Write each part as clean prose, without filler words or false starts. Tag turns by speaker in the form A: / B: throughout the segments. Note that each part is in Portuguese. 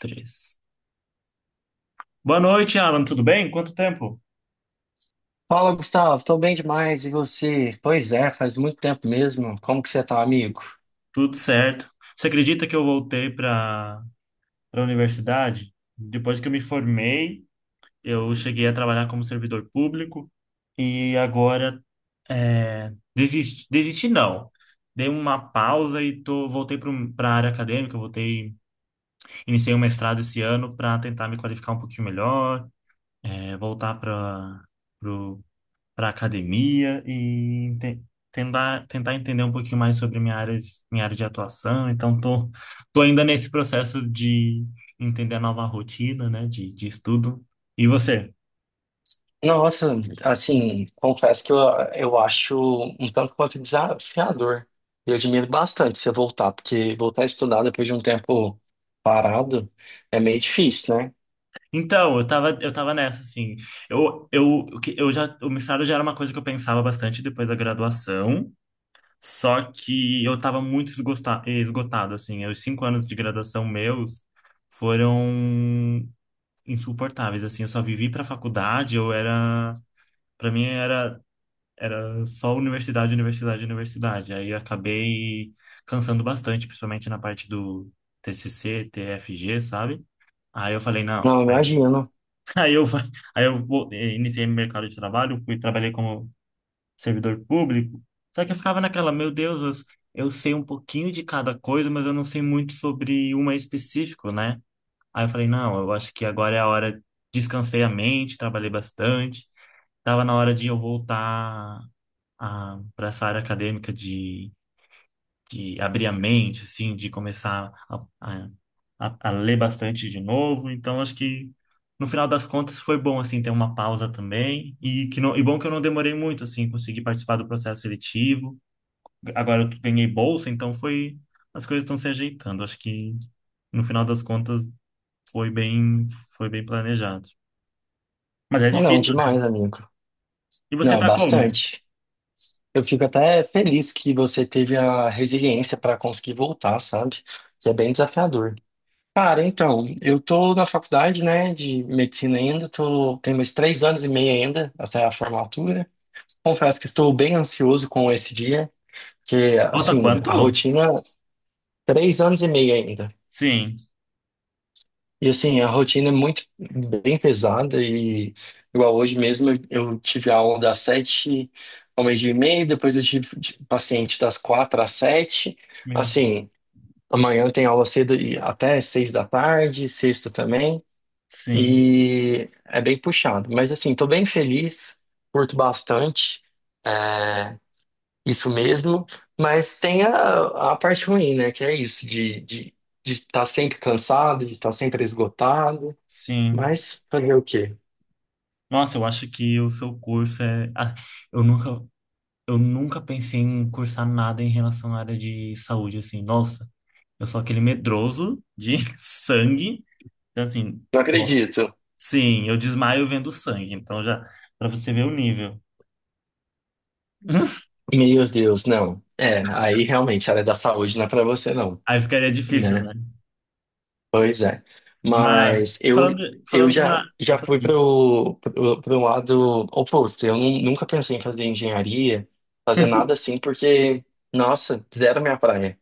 A: Três. Boa noite, Alan. Tudo bem? Quanto tempo?
B: Fala, Gustavo. Tô bem demais. E você? Pois é, faz muito tempo mesmo. Como que você tá, amigo?
A: Tudo certo. Você acredita que eu voltei para a universidade? Depois que eu me formei, eu cheguei a trabalhar como servidor público e agora desisti, desisti não. Dei uma pausa e tô, voltei para a área acadêmica. Voltei, iniciei um mestrado esse ano para tentar me qualificar um pouquinho melhor, voltar para para academia e ente- tentar entender um pouquinho mais sobre minha área, minha área de atuação. Então, tô ainda nesse processo de entender a nova rotina, né, de estudo. E você?
B: Nossa, assim, confesso que eu acho um tanto quanto desafiador. Eu admiro bastante você voltar, porque voltar a estudar depois de um tempo parado é meio difícil, né?
A: Então, eu tava nessa, assim. O mestrado já era uma coisa que eu pensava bastante depois da graduação. Só que eu tava muito esgotado, assim. Os cinco anos de graduação meus foram insuportáveis, assim, eu só vivi pra faculdade, eu era, pra mim era só universidade, universidade, universidade. Aí eu acabei cansando bastante, principalmente na parte do TCC, TFG, sabe? Aí eu falei, não.
B: Não, imagino.
A: Aí eu fa- iniciei meu mercado de trabalho, fui trabalhei como servidor público. Só que eu ficava naquela, meu Deus, eu sei um pouquinho de cada coisa, mas eu não sei muito sobre uma específica, né? Aí eu falei, não, eu acho que agora é a hora, descansei a mente, trabalhei bastante, tava na hora de eu voltar para essa área acadêmica de abrir a mente, assim, de começar a ler bastante de novo, então acho que no final das contas foi bom, assim, ter uma pausa também, e bom que eu não demorei muito, assim, consegui participar do processo seletivo, agora eu ganhei bolsa, então foi, as coisas estão se ajeitando, acho que no final das contas foi bem, foi bem planejado. Mas é
B: Não, não,
A: difícil, né?
B: demais, amigo.
A: E você
B: Não,
A: tá como?
B: bastante. Eu fico até feliz que você teve a resiliência para conseguir voltar, sabe? Que é bem desafiador. Cara, então, eu tô na faculdade, né, de medicina ainda, tenho mais 3 anos e meio ainda até a formatura. Confesso que estou bem ansioso com esse dia, que,
A: Falta
B: assim,
A: quanto?
B: a rotina, 3 anos e meio ainda.
A: Sim.
B: E, assim, a rotina é muito bem pesada e, igual hoje mesmo, eu tive aula das sete ao meio-dia e meio, depois eu tive paciente das quatro às sete.
A: Meu Deus.
B: Assim, amanhã tem aula cedo e até seis da tarde, sexta também.
A: Sim.
B: E é bem puxado. Mas assim, tô bem feliz, curto bastante, é, isso mesmo. Mas tem a parte ruim, né? Que é isso, de estar sempre cansado, de estar sempre esgotado.
A: Sim.
B: Mas fazer o quê?
A: Nossa, eu acho que o seu curso é. Ah, eu nunca, eu nunca pensei em cursar nada em relação à área de saúde, assim. Nossa, eu sou aquele medroso de sangue. Então, assim,
B: Não
A: nossa.
B: acredito.
A: Sim, eu desmaio vendo sangue. Então, já, pra você ver o nível.
B: Meu Deus, não. É, aí realmente a área da saúde não é pra você, não,
A: Aí ficaria difícil, né?
B: né? Pois é.
A: Mas,
B: Mas eu,
A: falando,
B: eu
A: falando na.
B: já
A: Opa,
B: fui para o lado oposto. Eu nunca pensei em fazer engenharia, fazer nada assim, porque, nossa, zero minha praia.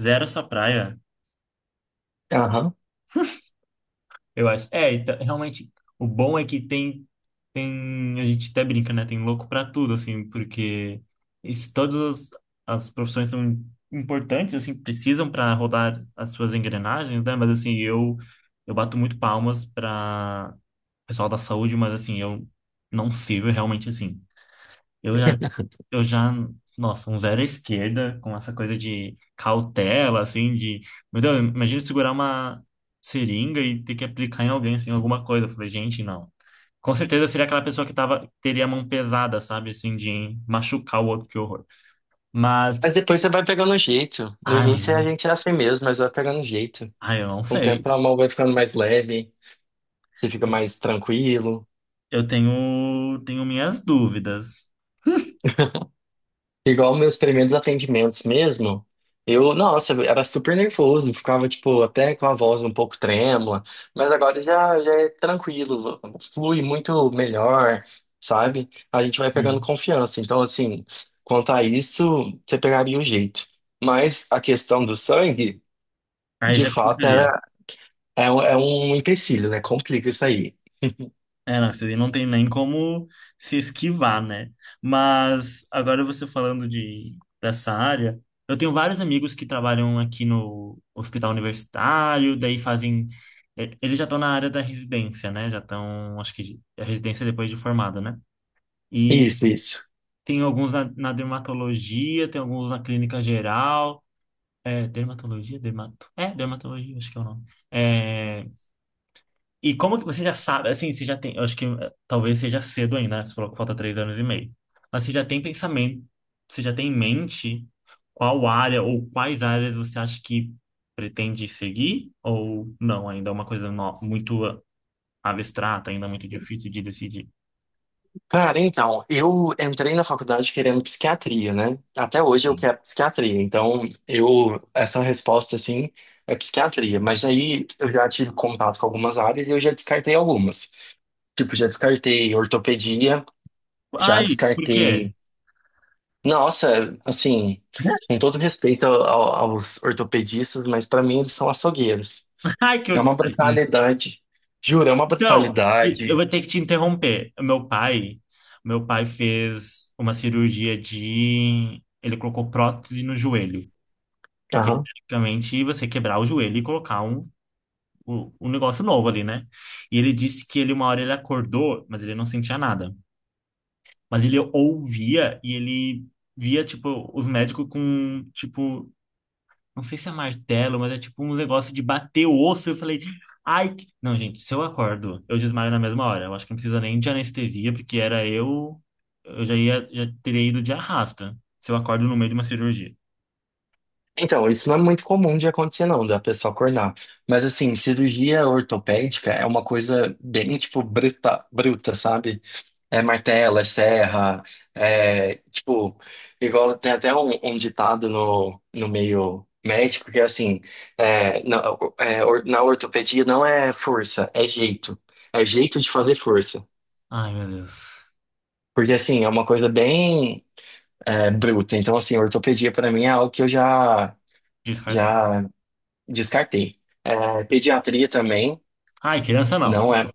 A: zero a sua praia,
B: Aham.
A: eu acho. É, então, realmente, o bom é que tem, a gente até brinca, né? Tem louco pra tudo, assim, porque isso, todas as profissões são importantes, assim, precisam para rodar as suas engrenagens, né? Mas, assim, eu bato muito palmas para pessoal da saúde, mas, assim, eu não sirvo realmente, assim. Eu já, eu já, nossa, um zero à esquerda, com essa coisa de cautela, assim, de, meu Deus, imagina segurar uma seringa e ter que aplicar em alguém, assim, alguma coisa. Eu falei, gente, não. Com certeza seria aquela pessoa que tava, teria a mão pesada, sabe, assim, de machucar o outro, que horror. Mas,
B: Mas depois você vai pegando o jeito. No
A: ai, mas,
B: início a gente é assim mesmo, mas vai pegando o jeito.
A: ai, eu não
B: Com o
A: sei.
B: tempo a mão vai ficando mais leve, você fica mais tranquilo.
A: Tenho minhas dúvidas.
B: Igual meus primeiros atendimentos mesmo, eu, nossa, eu era super nervoso, ficava, tipo, até com a voz um pouco trêmula, mas agora já é tranquilo, flui muito melhor, sabe? A gente vai pegando
A: Sim.
B: confiança. Então, assim, quanto a isso, você pegaria o jeito. Mas a questão do sangue,
A: Aí
B: de
A: já
B: fato,
A: complicaria.
B: era, é, é um empecilho, né? Complica isso aí.
A: É, não, isso aí não tem nem como se esquivar, né? Mas agora você falando de dessa área, eu tenho vários amigos que trabalham aqui no hospital universitário, daí fazem. Eles já estão na área da residência, né? Já estão, acho que a residência depois de formado, né? E
B: Isso, isso.
A: tem alguns na dermatologia, tem alguns na clínica geral. É, dermatologia? Dermatologia, acho que é o nome. É, e como que você já sabe, assim, você já tem, eu acho que talvez seja cedo ainda, né? Você falou que falta três anos e meio. Mas você já tem pensamento, você já tem em mente qual área ou quais áreas você acha que pretende seguir ou não? Ainda é uma coisa muito abstrata, ainda muito difícil de decidir.
B: Cara, então, eu entrei na faculdade querendo psiquiatria, né? Até hoje eu quero psiquiatria, então eu, essa resposta, assim, é psiquiatria. Mas aí eu já tive contato com algumas áreas e eu já descartei algumas. Tipo, já descartei ortopedia, já
A: Ai, por
B: descartei.
A: quê?
B: Nossa, assim, com todo respeito aos ortopedistas, mas pra mim eles são açougueiros.
A: Ai, que eu...
B: É uma brutalidade. Juro, é uma
A: Então, eu
B: brutalidade.
A: vou ter que te interromper. Meu pai fez uma cirurgia de... Ele colocou prótese no joelho. Que é praticamente você quebrar o joelho e colocar um negócio novo ali, né? E ele disse que ele uma hora ele acordou, mas ele não sentia nada. Mas ele ouvia e ele via, tipo, os médicos com, tipo, não sei se é martelo, mas é tipo um negócio de bater o osso. Eu falei, ai, não, gente, se eu acordo, eu desmaio na mesma hora. Eu acho que não precisa nem de anestesia, porque era eu já ia, já teria ido de arrasta. Se eu acordo no meio de uma cirurgia.
B: Então, isso não é muito comum de acontecer, não, da pessoa acordar. Mas, assim, cirurgia ortopédica é uma coisa bem, tipo, bruta, bruta, sabe? É martelo, é serra, é, tipo, igual tem até um ditado no meio médico que é assim, é, na, na ortopedia não é força, é jeito. É jeito de fazer força.
A: Ai, meu Deus.
B: Porque, assim, é uma coisa bem, bruta. Então, assim, ortopedia pra mim é algo que eu já...
A: Descartou.
B: Já descartei. É, pediatria também,
A: Ai, criança não.
B: não é.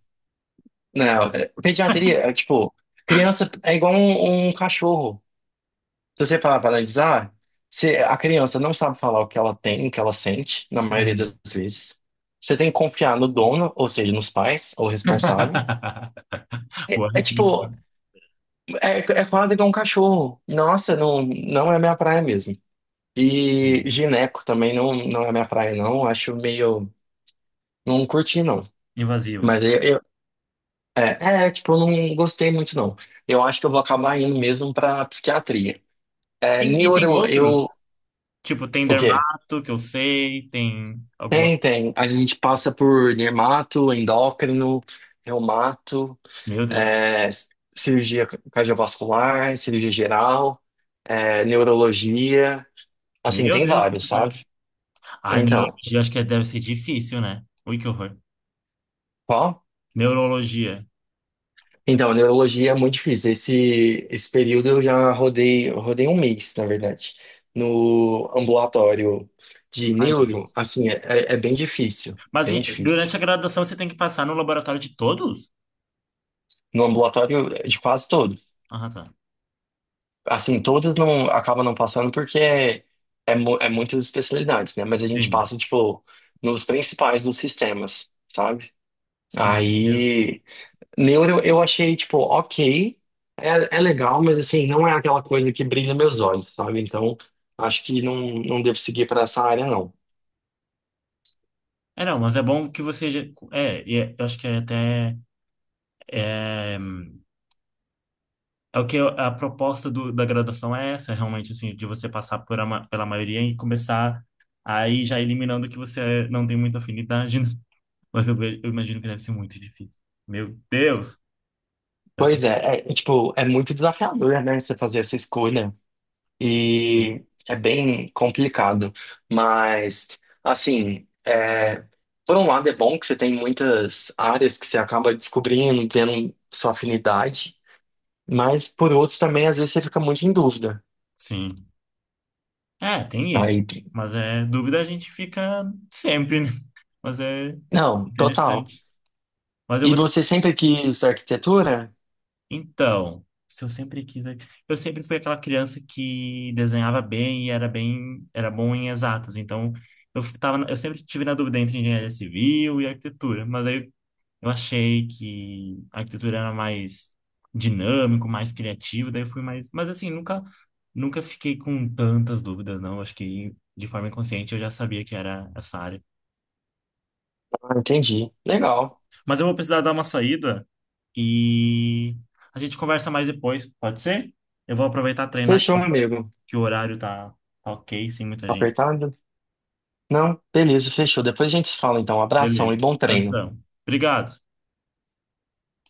B: Não, pediatria é tipo, criança é igual um cachorro. Se você parar para analisar, se a criança não sabe falar o que ela tem, o que ela sente, na maioria das
A: Sim.
B: vezes. Você tem que confiar no dono, ou seja, nos pais, ou responsável. É,
A: Boa
B: é tipo,
A: reflexão.
B: é quase igual um cachorro. Nossa, não, não é minha praia mesmo. E
A: Sim.
B: gineco também não, não é minha praia, não. Acho meio. Não curti, não.
A: Invasivo.
B: Mas É, tipo, eu não gostei muito, não. Eu acho que eu vou acabar indo mesmo pra psiquiatria. É,
A: E tem
B: neuro,
A: outros?
B: eu.
A: Tipo, tem
B: O quê?
A: dermato, que eu sei, tem alguma.
B: Tem, tem. A gente passa por dermato, endócrino, reumato,
A: Meu Deus.
B: é, cirurgia cardiovascular, cirurgia geral, neurologia. Assim,
A: Meu
B: tem
A: Deus,
B: vários,
A: quanta coisa.
B: sabe?
A: Ai,
B: Então,
A: neurologia, acho que deve ser difícil, né? Ui, que horror.
B: qual?
A: Neurologia.
B: Então, neurologia é muito difícil. Esse período eu rodei um mês, na verdade, no ambulatório de
A: Ai, meu
B: neuro,
A: Deus.
B: assim, bem difícil,
A: Mas
B: bem difícil.
A: durante a graduação você tem que passar no laboratório de todos?
B: No ambulatório de quase todos.
A: Ah, tá.
B: Assim, todos não acabam não passando porque muitas especialidades, né? Mas a gente
A: Sim.
B: passa, tipo, nos principais dos sistemas, sabe?
A: Meu Deus.
B: Aí. Neuro eu achei, tipo, ok, é legal, mas assim, não é aquela coisa que brilha meus olhos, sabe? Então, acho que não, não devo seguir para essa área, não.
A: É, não, mas é bom que você. É, eu acho que é até. é, É o que a proposta da graduação é essa, realmente, assim, de você passar por pela maioria e começar aí já eliminando que você não tem muita afinidade, né? Mas eu, eu imagino que deve ser muito difícil. Meu Deus! Deve ser
B: Pois
A: muito
B: é, tipo, é muito desafiador, né, você fazer essa escolha.
A: difícil.
B: E é bem complicado. Mas, assim, por um lado é bom que você tem muitas áreas que você acaba descobrindo, tendo sua afinidade, mas por outro também, às vezes, você fica muito em dúvida.
A: Sim. É, tem isso.
B: Aí,
A: Mas é dúvida a gente fica sempre, né? Mas é
B: não, total.
A: interessante. Mas eu
B: E
A: vou.
B: você sempre quis arquitetura?
A: Então, se eu sempre quis, é, eu sempre fui aquela criança que desenhava bem e era bem, era bom em exatas. Então, eu tava, eu sempre tive na dúvida entre engenharia civil e arquitetura, mas aí eu achei que a arquitetura era mais dinâmico, mais criativo, daí eu fui mais, mas assim, nunca fiquei com tantas dúvidas, não. Acho que de forma inconsciente eu já sabia que era essa área.
B: Ah, entendi. Legal.
A: Mas eu vou precisar dar uma saída e a gente conversa mais depois, pode ser? Eu vou aproveitar treinar
B: Fechou, amigo.
A: que o horário tá ok, sem muita gente.
B: Apertado? Não? Beleza, fechou. Depois a gente se fala, então. Um abração
A: Beleza.
B: e bom treino.
A: Abração. Obrigado.